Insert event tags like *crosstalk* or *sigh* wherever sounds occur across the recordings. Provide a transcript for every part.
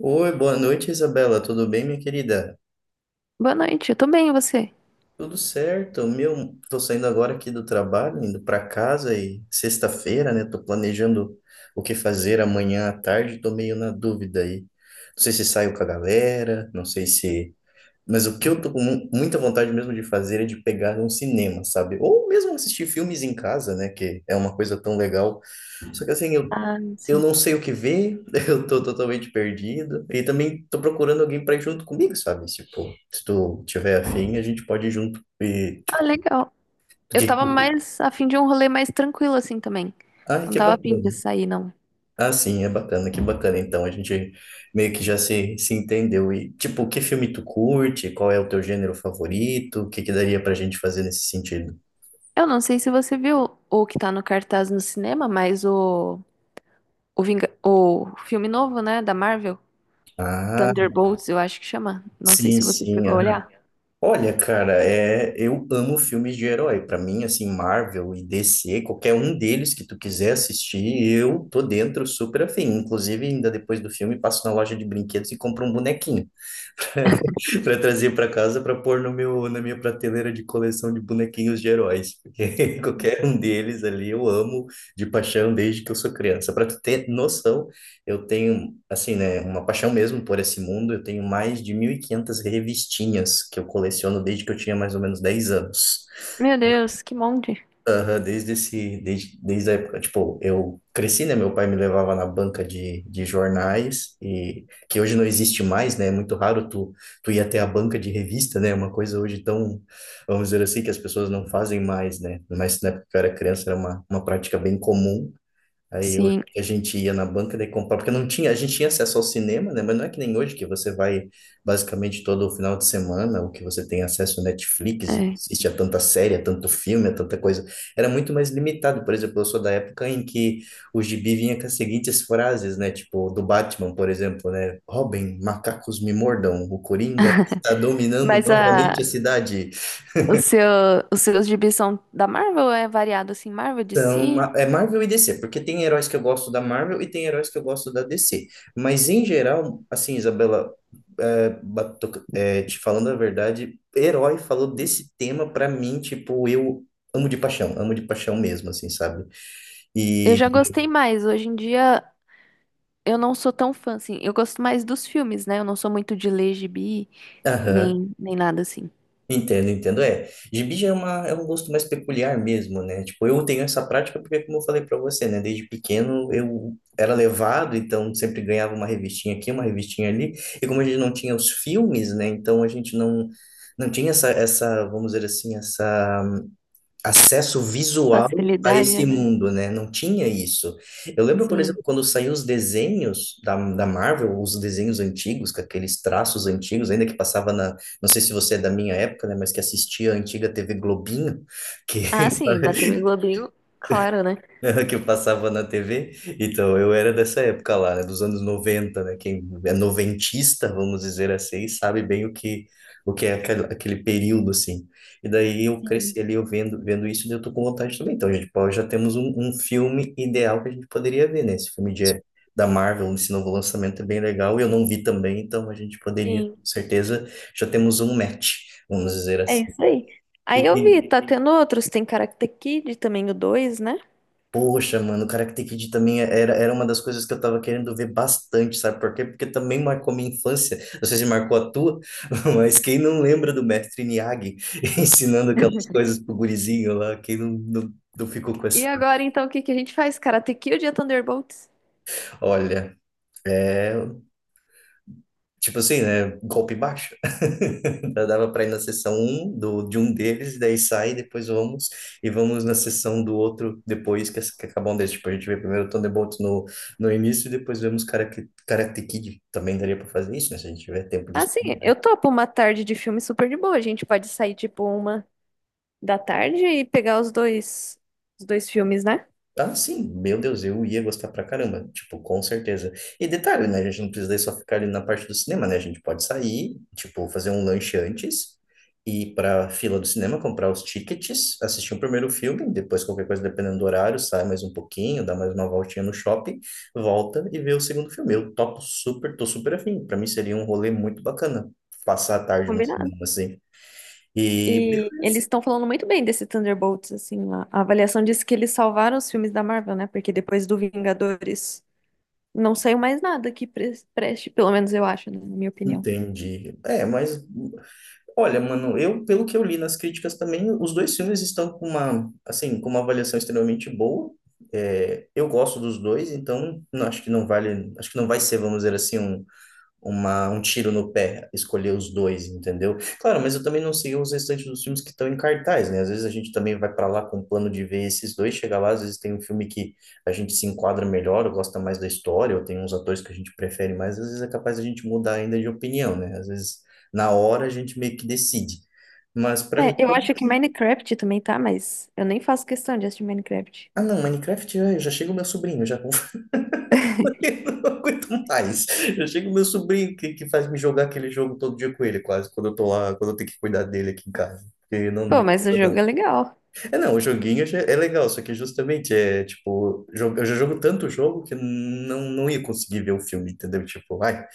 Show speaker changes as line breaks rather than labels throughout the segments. Oi, boa noite, Isabela. Tudo bem, minha querida?
Boa noite, eu tô bem, e você?
Tudo certo. Meu, tô saindo agora aqui do trabalho, indo para casa e sexta-feira, né? Tô planejando o que fazer amanhã à tarde, tô meio na dúvida aí. Não sei se saio com a galera, não sei se, mas o que eu tô com muita vontade mesmo de fazer é de pegar um cinema, sabe? Ou mesmo assistir filmes em casa, né, que é uma coisa tão legal. Só que assim, eu
Ah,
Eu
sim.
não sei o que ver, *laughs* eu tô totalmente perdido. E também tô procurando alguém pra ir junto comigo, sabe? Tipo, se tu tiver afim, a gente pode ir junto. E,
Ah,
tipo,
legal. Eu
que...
tava mais a fim de um rolê mais tranquilo assim também.
Ai,
Não
que
tava a fim de
bacana.
sair, não.
Ah, sim, é bacana, que bacana. Então, a gente meio que já se entendeu. E, tipo, que filme tu curte? Qual é o teu gênero favorito? O que que daria pra gente fazer nesse sentido?
Eu não sei se você viu o que tá no cartaz no cinema, mas o filme novo, né, da Marvel,
Ah,
Thunderbolts, eu acho que chama. Não sei
sim,
se você
sim.
chegou a olhar.
Olha, cara, é, eu amo filmes de herói. Pra mim, assim, Marvel e DC, qualquer um deles que tu quiser assistir, eu tô dentro super afim. Inclusive, ainda depois do filme, passo na loja de brinquedos e compro um bonequinho. *laughs* Para trazer para casa para pôr no meu, na minha prateleira de coleção de bonequinhos de heróis, porque *laughs* qualquer um deles ali eu amo de paixão desde que eu sou criança. Para tu ter noção, eu tenho assim, né, uma paixão mesmo por esse mundo, eu tenho mais de 1.500 revistinhas que eu coleciono desde que eu tinha mais ou menos 10 anos.
Meu Deus, que monte.
Aham, desde esse, desde, desde a época, tipo, eu cresci, né? Meu pai me levava na banca de jornais, e que hoje não existe mais, né? É muito raro tu ir até a banca de revista, né? Uma coisa hoje tão, vamos dizer assim, que as pessoas não fazem mais, né? Mas na época que eu era criança era uma prática bem comum. Aí eu,
Sim,
a gente ia na banca de comprar, porque não tinha, a gente tinha acesso ao cinema, né? Mas não é que nem hoje que você vai basicamente todo final de semana, ou que você tem acesso ao Netflix e
é.
assiste a tanta série, a tanto filme, a tanta coisa. Era muito mais limitado. Por exemplo, eu sou da época em que o gibi vinha com as seguintes frases, né? Tipo, do Batman, por exemplo, né? Robin, macacos me mordam, o Coringa está dominando
Mas
novamente a cidade.
o seu, os seus gibis são da Marvel, é variado assim, Marvel,
São,
DC?
é Marvel e DC, porque tem heróis que eu gosto da Marvel e tem heróis que eu gosto da DC. Mas em geral, assim, Isabela, é, te falando a verdade, herói falou desse tema pra mim, tipo, eu amo de paixão mesmo, assim, sabe?
Eu
E,
já gostei mais hoje em dia. Eu não sou tão fã, assim. Eu gosto mais dos filmes, né? Eu não sou muito de ler gibi,
aham.
nem nada assim.
Entendo, entendo. É, gibi já é uma, é um gosto mais peculiar mesmo, né? Tipo, eu tenho essa prática porque, como eu falei pra você, né? Desde pequeno eu era levado, então sempre ganhava uma revistinha aqui, uma revistinha ali. E como a gente não tinha os filmes, né? Então a gente não, não tinha essa, vamos dizer assim, essa acesso visual a esse
Facilidade, né?
mundo, né? Não tinha isso. Eu lembro, por exemplo,
Sim.
quando saíram os desenhos da Marvel, os desenhos antigos, com aqueles traços antigos, ainda que passava na, não sei se você é da minha época, né, mas que assistia a antiga TV Globinho, que
Ah, sim, da TV Globinho, claro, né?
*laughs* que eu passava na TV. Então, eu era dessa época lá, né, dos anos 90, né? Quem é noventista, vamos dizer assim, sabe bem o que é aquele, aquele período, assim. E daí eu
Sim.
cresci ali, eu vendo isso, e eu tô com vontade também. Então, gente, pô, já temos um filme ideal que a gente poderia ver, né? Esse filme de, da Marvel, esse novo lançamento é bem legal, e eu não vi também, então a gente poderia, com
Sim.
certeza, já temos um match, vamos dizer
É
assim.
isso aí. Aí eu
E,
vi, tá tendo outros. Tem Karate Kid também, o 2, né?
poxa, mano, o Karate Kid também é, era, era uma das coisas que eu tava querendo ver bastante, sabe por quê? Porque também marcou minha infância. Não sei se marcou a tua, *laughs* mas quem não lembra do mestre Miyagi *laughs* ensinando aquelas coisas pro gurizinho lá, quem não, não, não ficou com
E
essa.
agora, então, o que que a gente faz? Karate Kid ou Thunderbolts?
Olha, é. Tipo assim, né? Golpe baixo. *laughs* Já dava para ir na sessão um do, de um deles, e daí sai, depois vamos, e vamos na sessão do outro depois que acabam desse. Tipo, a gente vê primeiro Thunderbolt no, no início, e depois vemos Karate Kid. Também daria para fazer isso, né? Se a gente tiver tempo de
Ah, sim, eu topo uma tarde de filme super de boa. A gente pode sair, tipo, uma da tarde e pegar os dois filmes, né?
ah, sim, meu Deus, eu ia gostar pra caramba, tipo, com certeza. E detalhe, né, a gente não precisa daí só ficar ali na parte do cinema, né, a gente pode sair, tipo, fazer um lanche antes, ir pra fila do cinema, comprar os tickets, assistir o primeiro filme, depois qualquer coisa, dependendo do horário, sai mais um pouquinho, dá mais uma voltinha no shopping, volta e vê o segundo filme. Eu topo super, tô super afim, pra mim seria um rolê muito bacana, passar a tarde no cinema,
Combinado.
assim. E
E eles estão falando muito bem desse Thunderbolts, assim, a avaliação disse que eles salvaram os filmes da Marvel, né? Porque depois do Vingadores não saiu mais nada que preste, pelo menos eu acho, né? Na minha opinião.
entendi. É, mas olha, mano, eu, pelo que eu li nas críticas também, os dois filmes estão com uma, assim, com uma avaliação extremamente boa. É, eu gosto dos dois, então não, acho que não vale, acho que não vai ser, vamos dizer assim, um uma, um tiro no pé escolher os dois, entendeu? Claro, mas eu também não sei os restantes dos filmes que estão em cartaz, né? Às vezes a gente também vai para lá com o plano de ver esses dois, chega lá, às vezes tem um filme que a gente se enquadra melhor, ou gosta mais da história, ou tem uns atores que a gente prefere mais, às vezes é capaz a gente mudar ainda de opinião, né? Às vezes na hora a gente meio que decide. Mas para mim
É, eu
pode
acho que
ser.
Minecraft também tá, mas eu nem faço questão de assistir Minecraft.
Ah, não, Minecraft já, já chega o meu sobrinho, já eu não aguento mais. Eu chego meu sobrinho que faz me jogar aquele jogo todo dia com ele, quase, quando eu tô lá, quando eu tenho que cuidar dele aqui em casa. Porque não,
Pô,
não
mas o
dá, não.
jogo é legal.
É não, o joguinho já é legal, só que justamente é tipo, eu já jogo tanto jogo que não, não ia conseguir ver o filme, entendeu? Tipo, ai,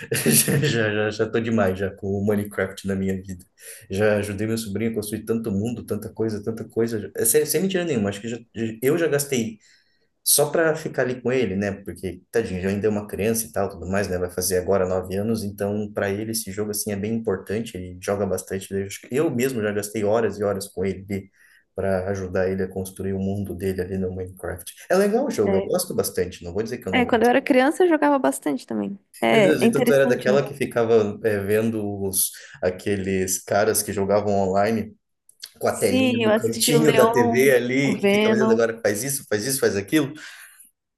*laughs* já tô demais já com o Minecraft na minha vida. Já ajudei meu sobrinho a construir tanto mundo, tanta coisa, tanta coisa. É sem, sem mentira nenhuma, acho que eu já gastei só para ficar ali com ele, né? Porque, tadinho, já ainda é uma criança e tal, tudo mais, né? Vai fazer agora 9 anos, então para ele esse jogo, assim, é bem importante, ele joga bastante. Eu acho que eu mesmo já gastei horas e horas com ele para ajudar ele a construir o mundo dele ali no Minecraft. É legal o jogo, eu
É,
gosto bastante, não vou dizer que eu não
É, quando eu
gosto.
era criança eu jogava bastante também.
Meu Deus,
É, é
então tu era
interessante, né?
daquela que ficava é, vendo os, aqueles caras que jogavam online com a telinha
Sim, eu
do
assisti o
cantinho da
Leon,
TV
o
ali, que ficava dizendo
Venom.
agora faz isso, faz isso, faz aquilo?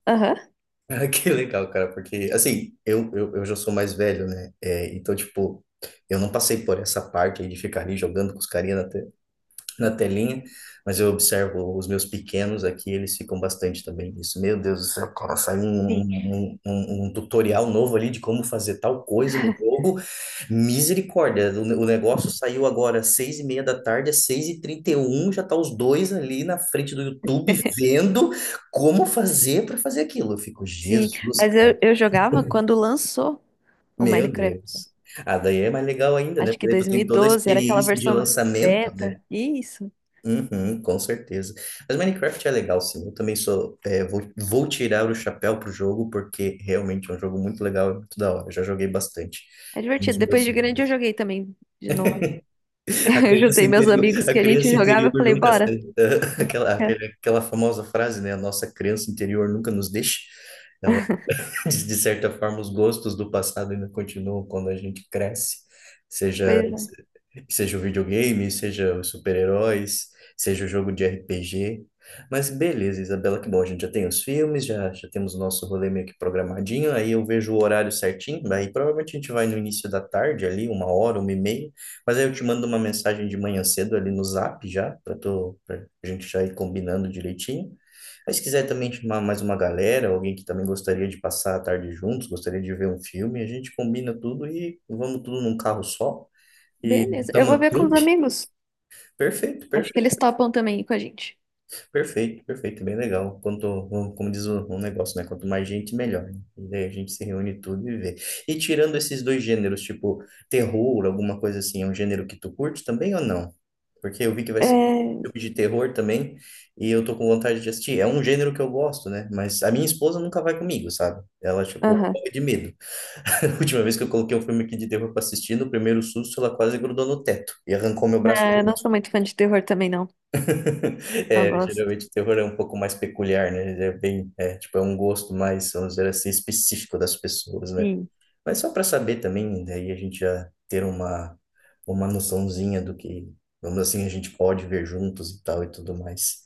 Aham.
*laughs* Ah, que legal, cara, porque, assim, eu já sou mais velho, né? É, então, tipo, eu não passei por essa parte aí de ficar ali jogando com os carinha na telinha, mas eu observo os meus pequenos aqui, eles ficam bastante também nisso. Meu Deus do céu, cara, saiu um,
Sim,
um, um- um um tutorial novo ali de como fazer tal coisa no jogo. Misericórdia, o negócio saiu agora às 6:30 da tarde, às 6:31, já tá os dois ali na frente do YouTube
*laughs*
vendo como fazer para fazer aquilo. Eu fico,
sim.
Jesus,
Mas
cara,
eu jogava quando lançou o
meu
Minecraft.
Deus. Ah, daí é mais legal ainda, né?
Acho
Porque
que
daí tu
dois mil e
tem toda a
doze era aquela
experiência de
versão
lançamento, né?
beta. Isso.
Uhum, com certeza. Mas Minecraft é legal, sim. Eu também sou. É, vou, vou tirar o chapéu pro jogo, porque realmente é um jogo muito legal e muito da hora. Eu já joguei bastante.
É
Um dos
divertido.
meus
Depois de grande eu
sonhos.
joguei também de novo. *laughs*
*laughs*
Eu juntei meus amigos
A
que a gente
criança
jogava
interior
e falei,
nunca
bora.
sai. *laughs* Aquela,
É,
aquela, aquela famosa frase, né? A nossa criança interior nunca nos deixa. Ela, *laughs* de certa forma, os gostos do passado ainda continuam quando a gente cresce. Seja.
pois é.
Seja o videogame, seja os super-heróis, seja o jogo de RPG. Mas beleza, Isabela, que bom, a gente já tem os filmes, já temos o nosso rolê meio que programadinho, aí eu vejo o horário certinho, daí provavelmente a gente vai no início da tarde ali, uma hora, uma e meia, mas aí eu te mando uma mensagem de manhã cedo ali no Zap já, pra gente já ir combinando direitinho. Mas se quiser também chamar mais uma galera, alguém que também gostaria de passar a tarde juntos, gostaria de ver um filme, a gente combina tudo e vamos tudo num carro só. E
Beleza.
montar
Eu vou
uma
ver com os
trupe?
amigos.
Perfeito,
Acho que
perfeito,
eles topam também com a gente.
perfeito, perfeito. Bem legal. Quanto, como diz o negócio, né? Quanto mais gente, melhor, né? E daí a gente se reúne tudo e vê. E tirando esses dois gêneros, tipo terror, alguma coisa assim, é um gênero que tu curte também ou não? Porque eu vi que vai ser um
É...
filme de terror também e eu tô com vontade de assistir. É um gênero que eu gosto, né? Mas a minha esposa nunca vai comigo, sabe? Ela, tipo,
Aham.
morre de medo. *laughs* A última vez que eu coloquei um filme aqui de terror pra assistir, no primeiro susto, ela quase grudou no teto e arrancou meu
Não,
braço
eu não
junto.
sou muito fã de terror também, não.
*laughs*
Não
É,
gosto.
geralmente o terror é um pouco mais peculiar, né? Ele é bem, é, tipo, é um gosto mais, vamos dizer assim, específico das pessoas, né?
Sim.
Mas só para saber também, daí a gente já ter uma noçãozinha do que, vamos assim, a gente pode ver juntos e tal e tudo mais.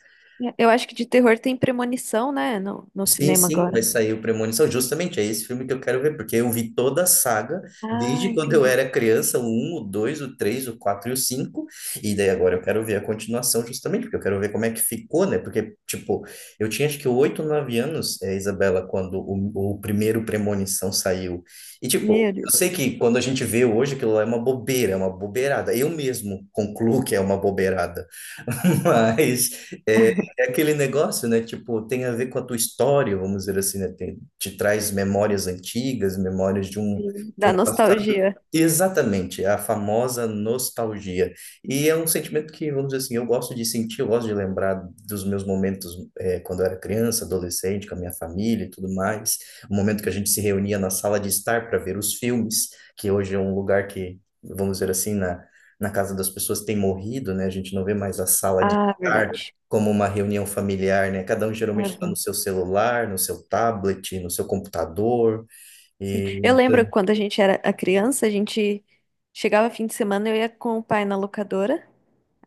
Eu acho que de terror tem Premonição, né? No
Sim,
cinema
sim, vai
agora.
sair o Premonição. Justamente, é esse filme que eu quero ver, porque eu vi toda a saga,
Ah,
desde quando eu
entendi.
era criança, o um o 2 o 3 o 4 e o cinco, e daí agora eu quero ver a continuação justamente, porque eu quero ver como é que ficou, né? Porque, tipo, eu tinha acho que 8, 9 anos, é, Isabela, quando o primeiro Premonição saiu. E, tipo,
Meu
eu sei
Deus.
que quando a gente vê hoje, aquilo lá é uma bobeira, é uma bobeirada. Eu mesmo concluo que é uma bobeirada, *laughs* mas... eh,
*laughs*
é aquele negócio, né? Tipo, tem a ver com a tua história, vamos dizer assim, né? Tem, te traz memórias antigas, memórias
Sim.
de
Da
um passado.
nostalgia.
Exatamente, é a famosa nostalgia. E é um sentimento que, vamos dizer assim, eu gosto de sentir, eu gosto de lembrar dos meus momentos quando eu era criança, adolescente, com a minha família e tudo mais. O momento que a gente se reunia na sala de estar para ver os filmes, que hoje é um lugar que, vamos dizer assim, na casa das pessoas tem morrido, né? A gente não vê mais a sala de
Ah,
estar
verdade.
como uma reunião familiar, né? Cada um geralmente está no
Aham.
seu celular, no seu tablet, no seu computador.
Sim.
E
Eu lembro quando a gente era a criança, a gente chegava fim de semana, eu ia com o pai na locadora,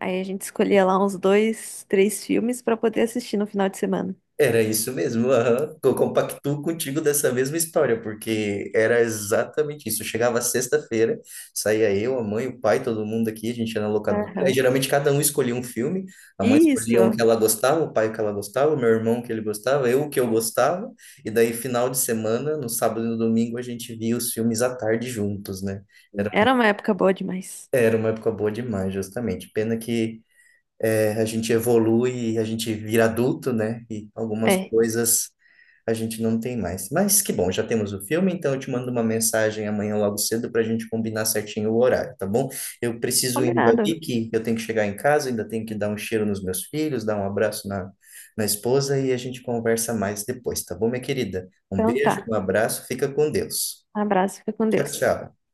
aí a gente escolhia lá uns dois, três filmes pra poder assistir no final de semana.
era isso mesmo. Aham. Eu compactuo contigo dessa mesma história, porque era exatamente isso. Eu chegava sexta-feira, saía eu, a mãe, o pai, todo mundo aqui, a gente ia na locadora. Aí
Aham.
geralmente cada um escolhia um filme. A mãe escolhia um que
Isso.
ela gostava, o pai o que ela gostava, o meu irmão o que ele gostava, eu o que eu gostava. E daí, final de semana, no sábado e no domingo, a gente via os filmes à tarde juntos, né?
Era uma época boa demais.
Era uma época boa demais, justamente. Pena que é, a gente evolui, a gente vira adulto, né? E algumas
É,
coisas a gente não tem mais. Mas que bom, já temos o filme, então eu te mando uma mensagem amanhã logo cedo para a gente combinar certinho o horário, tá bom? Eu preciso indo
combinado.
ali, que eu tenho que chegar em casa, ainda tenho que dar um cheiro nos meus filhos, dar um abraço na esposa e a gente conversa mais depois, tá bom, minha querida? Um
Então
beijo,
tá.
um abraço, fica com Deus.
Um abraço, fica com
Tchau,
Deus.
tchau.